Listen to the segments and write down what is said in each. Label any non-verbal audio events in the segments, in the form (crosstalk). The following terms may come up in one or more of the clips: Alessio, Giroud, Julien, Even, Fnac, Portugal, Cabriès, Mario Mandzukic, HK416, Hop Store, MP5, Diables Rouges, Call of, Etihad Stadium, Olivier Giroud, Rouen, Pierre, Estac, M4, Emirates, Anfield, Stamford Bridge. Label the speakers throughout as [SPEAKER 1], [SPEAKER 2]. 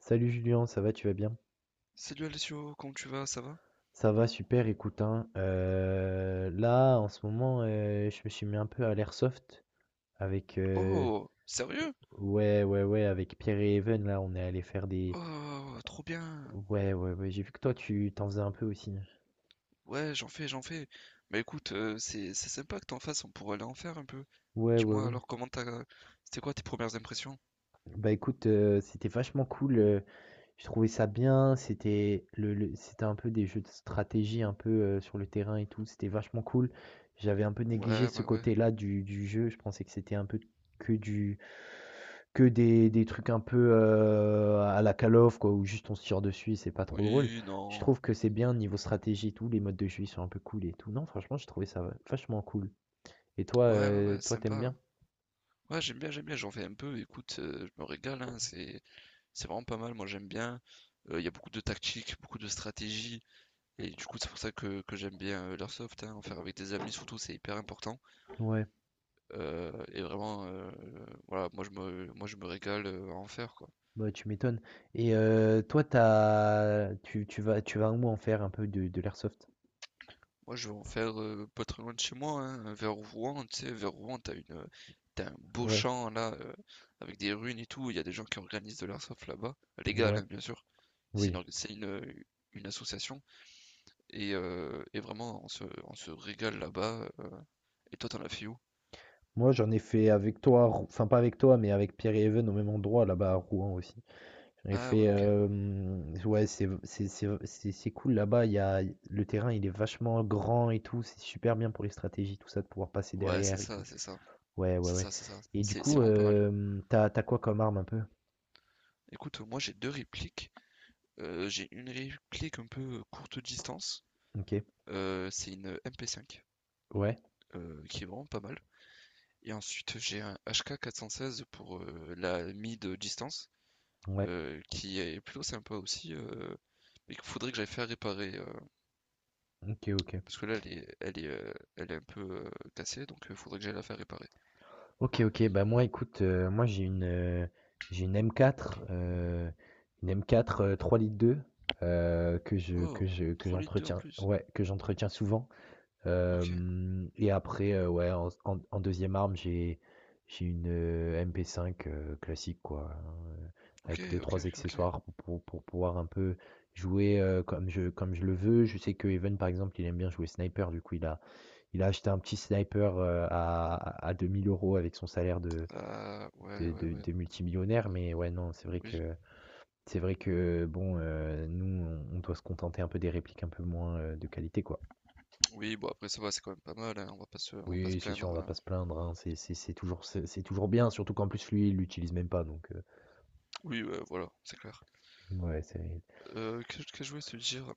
[SPEAKER 1] Salut Julien, ça va, tu vas bien?
[SPEAKER 2] Salut Alessio, comment tu vas? Ça va?
[SPEAKER 1] Ça va, super, écoute, hein, là, en ce moment, je me suis mis un peu à l'airsoft avec,
[SPEAKER 2] Oh, sérieux?
[SPEAKER 1] ouais, ouais, ouais, avec Pierre et Even, là, on est allé faire des,
[SPEAKER 2] Oh, trop bien.
[SPEAKER 1] ouais, ouais, ouais, j'ai vu que toi, tu t'en faisais un peu aussi.
[SPEAKER 2] Ouais, j'en fais, j'en fais. Bah écoute, c'est sympa que t'en fasses, on pourrait aller en faire un peu.
[SPEAKER 1] Ouais, ouais,
[SPEAKER 2] Dis-moi
[SPEAKER 1] ouais.
[SPEAKER 2] alors comment t'as... C'était quoi tes premières impressions?
[SPEAKER 1] Bah écoute, c'était vachement cool, je trouvais ça bien, c'était c'était un peu des jeux de stratégie, un peu sur le terrain et tout, c'était vachement cool. J'avais un peu négligé
[SPEAKER 2] Ouais,
[SPEAKER 1] ce
[SPEAKER 2] ouais, ouais.
[SPEAKER 1] côté-là du jeu, je pensais que c'était un peu que du Que des trucs un peu, à la Call of quoi, où juste on se tire dessus et c'est pas trop drôle.
[SPEAKER 2] Oui,
[SPEAKER 1] Je
[SPEAKER 2] non.
[SPEAKER 1] trouve que c'est bien niveau stratégie et tout, les modes de jeu, ils sont un peu cool et tout. Non, franchement, j'ai trouvé ça vachement cool. Et toi,
[SPEAKER 2] Ouais, ouais, ouais,
[SPEAKER 1] toi, t'aimes
[SPEAKER 2] sympa.
[SPEAKER 1] bien?
[SPEAKER 2] Ouais, j'aime bien, j'en fais un peu. Écoute, je me régale, hein, c'est vraiment pas mal, moi j'aime bien. Il y a beaucoup de tactique, beaucoup de stratégie. Et du coup, c'est pour ça que j'aime bien l'airsoft, hein, en faire avec des amis surtout, c'est hyper important.
[SPEAKER 1] Ouais,
[SPEAKER 2] Et vraiment, voilà, moi je me régale à en faire quoi.
[SPEAKER 1] bah, tu m'étonnes. Et toi, t'as tu tu vas où en faire un peu de l'airsoft?
[SPEAKER 2] Moi je vais en faire pas très loin de chez moi, hein, vers Rouen, tu sais, vers Rouen, t'as un beau
[SPEAKER 1] Ouais,
[SPEAKER 2] champ là, avec des runes et tout. Il y a des gens qui organisent de l'airsoft là-bas, légal
[SPEAKER 1] ouais,
[SPEAKER 2] hein, bien sûr. C'est une,
[SPEAKER 1] oui.
[SPEAKER 2] orga- c'est une, une association et vraiment on se régale là-bas. Et toi t'en as fait où?
[SPEAKER 1] Moi, j'en ai fait avec toi à Rou enfin pas avec toi, mais avec Pierre et Even au même endroit là-bas à Rouen aussi. J'avais
[SPEAKER 2] Ah
[SPEAKER 1] fait,
[SPEAKER 2] ouais ok.
[SPEAKER 1] ouais, c'est cool là-bas, il y a le terrain, il est vachement grand et tout, c'est super bien pour les stratégies, tout ça, de pouvoir passer
[SPEAKER 2] Ouais c'est
[SPEAKER 1] derrière et tout.
[SPEAKER 2] ça, c'est ça,
[SPEAKER 1] Ouais, ouais,
[SPEAKER 2] c'est
[SPEAKER 1] ouais
[SPEAKER 2] ça, c'est ça.
[SPEAKER 1] et du
[SPEAKER 2] C'est
[SPEAKER 1] coup,
[SPEAKER 2] vraiment pas mal.
[SPEAKER 1] t'as as quoi comme arme un peu?
[SPEAKER 2] Écoute, moi j'ai deux répliques. J'ai une réplique un peu courte distance.
[SPEAKER 1] OK.
[SPEAKER 2] C'est une MP5
[SPEAKER 1] Ouais,
[SPEAKER 2] qui est vraiment pas mal. Et ensuite, j'ai un HK16 pour la mid distance
[SPEAKER 1] ouais.
[SPEAKER 2] qui est plutôt sympa aussi. Mais qu'il faudrait que j'aille faire réparer
[SPEAKER 1] OK, OK.
[SPEAKER 2] parce que là, elle est un peu cassée donc il faudrait que j'aille la faire réparer.
[SPEAKER 1] OK, OK, bah, moi, écoute, moi, j'ai j'ai une M4, 3,2 litres, que je que
[SPEAKER 2] Oh,
[SPEAKER 1] je que
[SPEAKER 2] 3,2 litres en
[SPEAKER 1] j'entretiens
[SPEAKER 2] plus.
[SPEAKER 1] ouais, que j'entretiens souvent.
[SPEAKER 2] Ok,
[SPEAKER 1] Et après, ouais, en s en en 2e arme, j'ai une, MP5, classique quoi, hein, heu,
[SPEAKER 2] ok,
[SPEAKER 1] avec deux
[SPEAKER 2] ok,
[SPEAKER 1] trois
[SPEAKER 2] ok, ok.
[SPEAKER 1] accessoires pour pouvoir un peu jouer, comme je le veux. Je sais que Evan par exemple, il aime bien jouer sniper, du coup, il a acheté un petit sniper, à 2 000 euros avec son salaire
[SPEAKER 2] Ah, ouais, ouais, ouais.
[SPEAKER 1] de multimillionnaire, mais ouais, non,
[SPEAKER 2] Oui,
[SPEAKER 1] c'est vrai que bon, nous, on doit se contenter un peu des répliques un peu moins, de qualité, quoi.
[SPEAKER 2] oui, bon après ça va, c'est quand même pas mal, hein, on va pas se
[SPEAKER 1] Oui, c'est sûr, on
[SPEAKER 2] plaindre.
[SPEAKER 1] va pas
[SPEAKER 2] Hein.
[SPEAKER 1] se plaindre, hein, c'est toujours bien, surtout qu'en plus lui, il l'utilise même pas donc
[SPEAKER 2] Oui, ouais, voilà, c'est clair.
[SPEAKER 1] ouais, c'est
[SPEAKER 2] Qu'est-ce que je voulais te dire,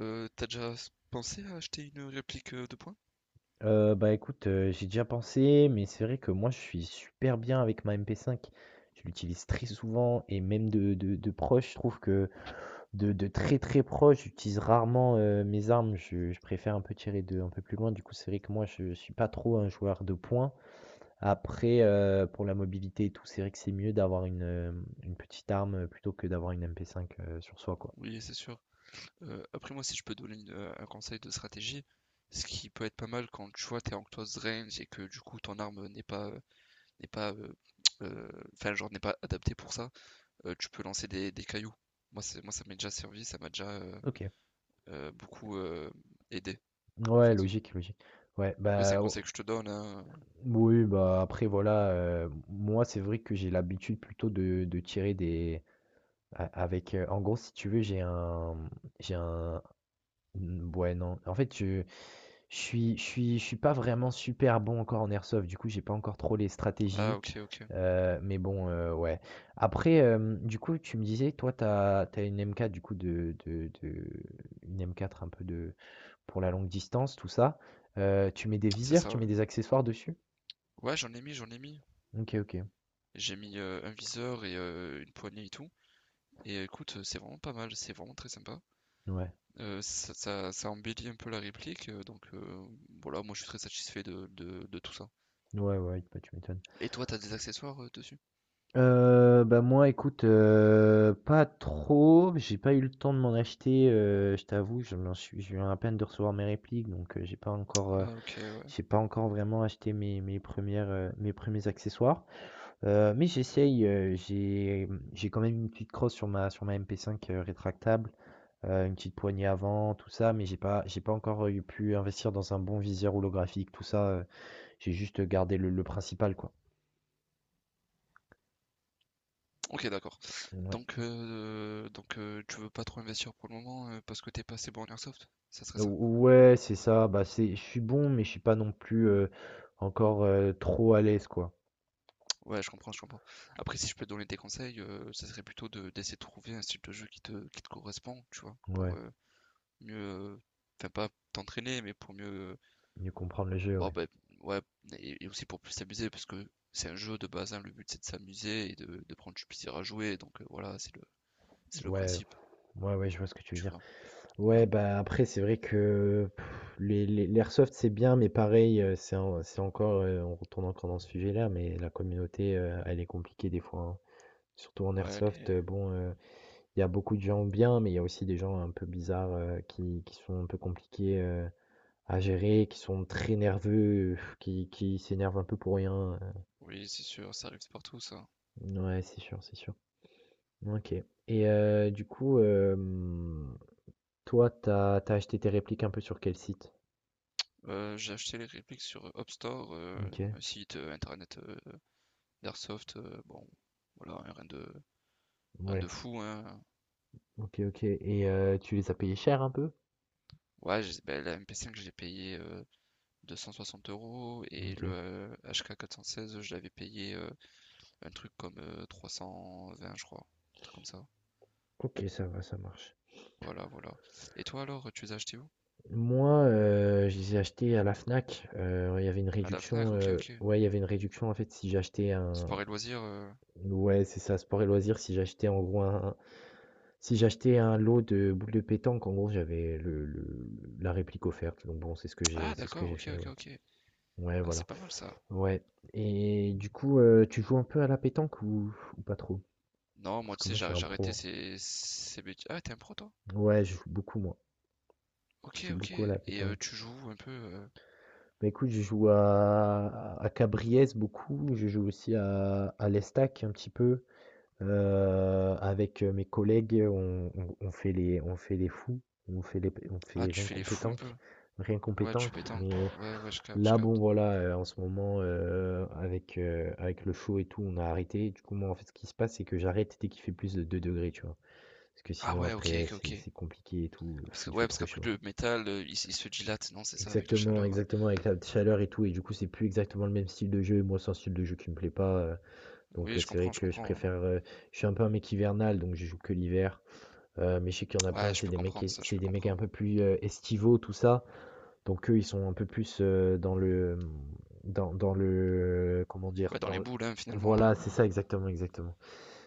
[SPEAKER 2] t'as déjà pensé à acheter une réplique de points?
[SPEAKER 1] bah, écoute, j'y ai déjà pensé, mais c'est vrai que moi, je suis super bien avec ma MP5. Je l'utilise très souvent et même de proche, je trouve que de très, très proche, j'utilise rarement, mes armes. Je préfère un peu tirer de un peu plus loin. Du coup, c'est vrai que moi, je suis pas trop un joueur de points. Après, pour la mobilité et tout, c'est vrai que c'est mieux d'avoir une, une petite arme, plutôt que d'avoir une MP5, sur soi, quoi.
[SPEAKER 2] Oui, c'est sûr. Après moi, si je peux donner un conseil de stratégie, ce qui peut être pas mal quand tu vois t'es en close range et que du coup ton arme n'est pas n'est pas (tsk) euh, enfin genre n'est pas adaptée pour ça, tu peux lancer des cailloux. Moi, ça m'est déjà servi, ça m'a déjà
[SPEAKER 1] OK.
[SPEAKER 2] beaucoup aidé en
[SPEAKER 1] Ouais,
[SPEAKER 2] fait.
[SPEAKER 1] logique, logique. Ouais,
[SPEAKER 2] Après c'est un
[SPEAKER 1] bah,
[SPEAKER 2] conseil
[SPEAKER 1] o
[SPEAKER 2] que je te donne. Hein.
[SPEAKER 1] oui, bah, après voilà, moi, c'est vrai que j'ai l'habitude plutôt de tirer des a avec, en gros, si tu veux, j'ai un, mmh, ouais, non. En fait, je suis pas vraiment super bon encore en airsoft, du coup, j'ai pas encore trop les
[SPEAKER 2] Ah
[SPEAKER 1] stratégies,
[SPEAKER 2] ok ok,
[SPEAKER 1] mais bon, ouais. Après, du coup, tu me disais, toi, t'as une m une du coup de une M4 un peu de pour la longue distance, tout ça. Tu mets des
[SPEAKER 2] c'est
[SPEAKER 1] viseurs,
[SPEAKER 2] ça.
[SPEAKER 1] tu
[SPEAKER 2] Ouais,
[SPEAKER 1] mets des accessoires dessus?
[SPEAKER 2] ouais j'en ai mis j'en ai mis.
[SPEAKER 1] OK, OK.
[SPEAKER 2] J'ai mis, un viseur et une poignée et tout et écoute, c'est vraiment pas mal, c'est vraiment très sympa.
[SPEAKER 1] Ouais.
[SPEAKER 2] Ça embellit un peu la réplique, donc voilà, moi je suis très satisfait de tout ça.
[SPEAKER 1] Ouais, ouais, bah, tu m'étonnes.
[SPEAKER 2] Et toi, t'as des accessoires, dessus?
[SPEAKER 1] Bah, moi, écoute, pas trop, j'ai pas eu le temps de m'en acheter, je t'avoue, je m'en suis je viens à peine de recevoir mes répliques, donc j'ai pas encore,
[SPEAKER 2] Ah OK, ouais.
[SPEAKER 1] j'ai pas encore vraiment acheté mes premiers accessoires, mais j'essaye, j'ai quand même une petite crosse sur ma MP5, rétractable, une petite poignée avant, tout ça, mais j'ai pas encore, eu pu investir dans un bon viseur holographique, tout ça, j'ai juste gardé le principal, quoi.
[SPEAKER 2] OK, d'accord.
[SPEAKER 1] Ouais,
[SPEAKER 2] Donc tu veux pas trop investir pour le moment, parce que t'es pas assez bon en airsoft? Ça serait ça?
[SPEAKER 1] Ou ouais, c'est ça, bah, c'est je suis bon, mais je suis pas non plus, encore, trop à l'aise, quoi.
[SPEAKER 2] Ouais, je comprends, je comprends. Après, si je peux te donner des conseils, ça serait plutôt de d'essayer de trouver un style de jeu qui te correspond, tu vois? Pour,
[SPEAKER 1] Ouais,
[SPEAKER 2] mieux, enfin pas t'entraîner, mais pour mieux,
[SPEAKER 1] mieux comprendre le jeu,
[SPEAKER 2] bon,
[SPEAKER 1] ouais.
[SPEAKER 2] ben, ouais, et aussi pour plus s'amuser, parce que c'est un jeu de base, hein, le but c'est de s'amuser et de prendre du plaisir à jouer, donc voilà, c'est le
[SPEAKER 1] Ouais,
[SPEAKER 2] principe,
[SPEAKER 1] ouais, ouais, je vois ce que tu veux
[SPEAKER 2] tu
[SPEAKER 1] dire.
[SPEAKER 2] vois,
[SPEAKER 1] Ouais,
[SPEAKER 2] voilà.
[SPEAKER 1] bah, après, c'est vrai que pff, les l'airsoft, c'est bien, mais pareil, c'est encore, on retourne encore dans ce sujet-là, mais la communauté, elle est compliquée des fois, hein. Surtout en
[SPEAKER 2] Ouais,
[SPEAKER 1] airsoft, bon, il y a beaucoup de gens bien, mais il y a aussi des gens un peu bizarres, qui sont un peu compliqués, à gérer, qui sont très nerveux, pff, qui s'énervent un peu pour rien,
[SPEAKER 2] oui, c'est sûr, ça arrive partout, ça.
[SPEAKER 1] ouais, c'est sûr, c'est sûr. OK et du coup, toi, t'as acheté tes répliques un peu sur quel site?
[SPEAKER 2] J'ai acheté les répliques sur Hop Store,
[SPEAKER 1] OK,
[SPEAKER 2] un site internet d'Airsoft, bon, voilà, hein, rien de,
[SPEAKER 1] ouais.
[SPEAKER 2] fou, hein.
[SPEAKER 1] OK, OK et tu les as payés cher un peu?
[SPEAKER 2] Ouais, ben, la MP5, j'ai payé 260 euros et le
[SPEAKER 1] OK.
[SPEAKER 2] HK416, je l'avais payé un truc comme 320, je crois. Un truc comme ça.
[SPEAKER 1] OK, ça va, ça marche.
[SPEAKER 2] Voilà, voilà. Et toi alors, tu les as achetés où?
[SPEAKER 1] Moi, je les ai achetés à la Fnac, il y avait une
[SPEAKER 2] À la
[SPEAKER 1] réduction,
[SPEAKER 2] Fnac, ok, ok.
[SPEAKER 1] ouais, il y avait une réduction en fait si j'achetais un
[SPEAKER 2] Sport et loisirs.
[SPEAKER 1] ouais, c'est ça, sport et loisirs, si j'achetais en gros un si j'achetais un lot de boules de pétanque, en gros, j'avais le la réplique offerte, donc bon,
[SPEAKER 2] Ah,
[SPEAKER 1] c'est ce que
[SPEAKER 2] d'accord,
[SPEAKER 1] j'ai
[SPEAKER 2] ok,
[SPEAKER 1] fait,
[SPEAKER 2] ok,
[SPEAKER 1] ouais.
[SPEAKER 2] ok.
[SPEAKER 1] Ouais,
[SPEAKER 2] Ah, c'est
[SPEAKER 1] voilà.
[SPEAKER 2] pas mal ça.
[SPEAKER 1] Ouais et du coup, tu joues un peu à la pétanque ou pas trop?
[SPEAKER 2] Non,
[SPEAKER 1] Parce
[SPEAKER 2] moi, tu
[SPEAKER 1] que
[SPEAKER 2] sais,
[SPEAKER 1] moi, je suis
[SPEAKER 2] j'ai
[SPEAKER 1] un
[SPEAKER 2] j'ai
[SPEAKER 1] pro,
[SPEAKER 2] arrêté
[SPEAKER 1] hein.
[SPEAKER 2] ces bêtises. Ah, t'es un pro, toi?
[SPEAKER 1] Ouais, je joue beaucoup moi,
[SPEAKER 2] Ok,
[SPEAKER 1] je joue
[SPEAKER 2] ok.
[SPEAKER 1] beaucoup à la
[SPEAKER 2] Et tu
[SPEAKER 1] pétanque.
[SPEAKER 2] joues un peu.
[SPEAKER 1] Bah, écoute, je joue à Cabriès beaucoup, je joue aussi à l'Estac un petit peu. Avec, mes collègues, on fait les fous, on
[SPEAKER 2] Ah,
[SPEAKER 1] fait
[SPEAKER 2] tu
[SPEAKER 1] rien
[SPEAKER 2] fais
[SPEAKER 1] qu'au
[SPEAKER 2] les fous un peu.
[SPEAKER 1] pétanque rien qu'au
[SPEAKER 2] Ouais, tu
[SPEAKER 1] pétanque,
[SPEAKER 2] pétanques.
[SPEAKER 1] mais
[SPEAKER 2] Ouais, ouais, je capte, je
[SPEAKER 1] là, bon,
[SPEAKER 2] capte.
[SPEAKER 1] voilà, en ce moment, avec le chaud et tout, on a arrêté. Du coup, moi, en fait, ce qui se passe, c'est que j'arrête dès qu'il fait plus de 2 degrés, tu vois? Parce que
[SPEAKER 2] Ah,
[SPEAKER 1] sinon
[SPEAKER 2] ouais, ok,
[SPEAKER 1] après,
[SPEAKER 2] ok, ok.
[SPEAKER 1] c'est compliqué et tout,
[SPEAKER 2] Ah,
[SPEAKER 1] il fait
[SPEAKER 2] ouais, parce
[SPEAKER 1] trop
[SPEAKER 2] qu'après
[SPEAKER 1] chaud.
[SPEAKER 2] le métal, il se dilate, non, c'est ça, avec la
[SPEAKER 1] Exactement,
[SPEAKER 2] chaleur.
[SPEAKER 1] exactement, avec la chaleur et tout, et du coup, c'est plus exactement le même style de jeu, et moi, c'est un style de jeu qui me plaît pas, donc
[SPEAKER 2] Oui, je
[SPEAKER 1] c'est vrai
[SPEAKER 2] comprends, je
[SPEAKER 1] que je
[SPEAKER 2] comprends.
[SPEAKER 1] préfère, je suis un peu un mec hivernal, donc je joue que l'hiver, mais je sais qu'il y en a plein,
[SPEAKER 2] Ouais, je peux comprendre ça, je
[SPEAKER 1] c'est
[SPEAKER 2] peux
[SPEAKER 1] des mecs un
[SPEAKER 2] comprendre.
[SPEAKER 1] peu plus, estivaux, tout ça, donc eux, ils sont un peu plus, dans le comment dire?
[SPEAKER 2] Ouais, dans les
[SPEAKER 1] Dans l
[SPEAKER 2] boules, hein, finalement. Hein.
[SPEAKER 1] Voilà, c'est ça, exactement, exactement.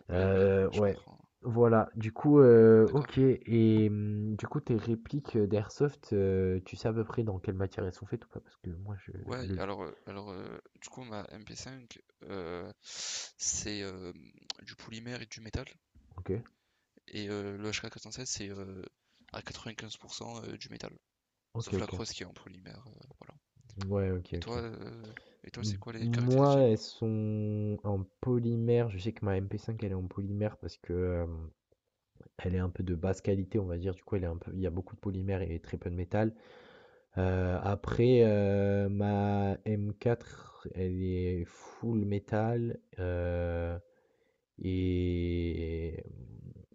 [SPEAKER 2] Oui, oui, je
[SPEAKER 1] Ouais,
[SPEAKER 2] comprends.
[SPEAKER 1] voilà. Du coup,
[SPEAKER 2] D'accord.
[SPEAKER 1] OK et du coup, tes répliques, d'airsoft, tu sais à peu près dans quelle matière elles sont faites ou pas? Parce que moi je
[SPEAKER 2] Ouais,
[SPEAKER 1] le
[SPEAKER 2] alors, du coup, ma MP5, c'est du polymère et du métal.
[SPEAKER 1] OK.
[SPEAKER 2] Et le HK416, c'est à 95% du métal.
[SPEAKER 1] OK,
[SPEAKER 2] Sauf la
[SPEAKER 1] OK.
[SPEAKER 2] crosse qui est en polymère. Voilà.
[SPEAKER 1] Ouais, OK,
[SPEAKER 2] Et toi,
[SPEAKER 1] OK.
[SPEAKER 2] euh, et toi, c'est
[SPEAKER 1] M
[SPEAKER 2] quoi les
[SPEAKER 1] Moi,
[SPEAKER 2] caractéristiques?
[SPEAKER 1] elles sont en polymère. Je sais que ma MP5 elle est en polymère parce que, elle est un peu de basse qualité, on va dire. Du coup, elle est un peu il y a beaucoup de polymère et très peu de métal. Après, ma M4 elle est full métal. Et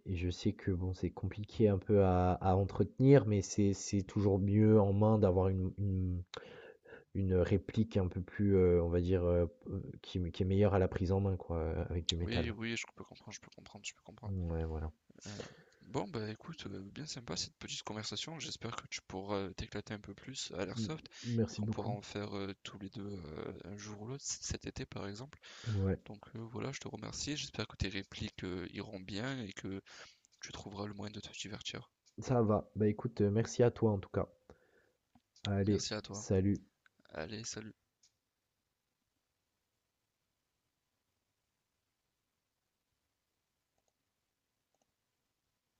[SPEAKER 1] et je sais que bon, c'est compliqué un peu à entretenir, mais c'est toujours mieux en main d'avoir une réplique un peu plus, on va dire, qui est meilleure à la prise en main quoi, avec du
[SPEAKER 2] Oui,
[SPEAKER 1] métal.
[SPEAKER 2] oui, je peux comprendre, je peux comprendre, je peux comprendre.
[SPEAKER 1] Ouais, voilà.
[SPEAKER 2] Euh, Bon, bah écoute, bien sympa cette petite conversation. J'espère que tu pourras t'éclater un peu plus à
[SPEAKER 1] Mmh,
[SPEAKER 2] l'airsoft et
[SPEAKER 1] merci
[SPEAKER 2] qu'on pourra
[SPEAKER 1] beaucoup.
[SPEAKER 2] en faire tous les deux un jour ou l'autre, cet été par exemple.
[SPEAKER 1] Ouais,
[SPEAKER 2] Donc voilà, je te remercie. J'espère que tes répliques iront bien et que tu trouveras le moyen de te divertir.
[SPEAKER 1] ça va. Bah, écoute, merci à toi en tout cas. Allez,
[SPEAKER 2] Merci à toi.
[SPEAKER 1] salut.
[SPEAKER 2] Allez, salut.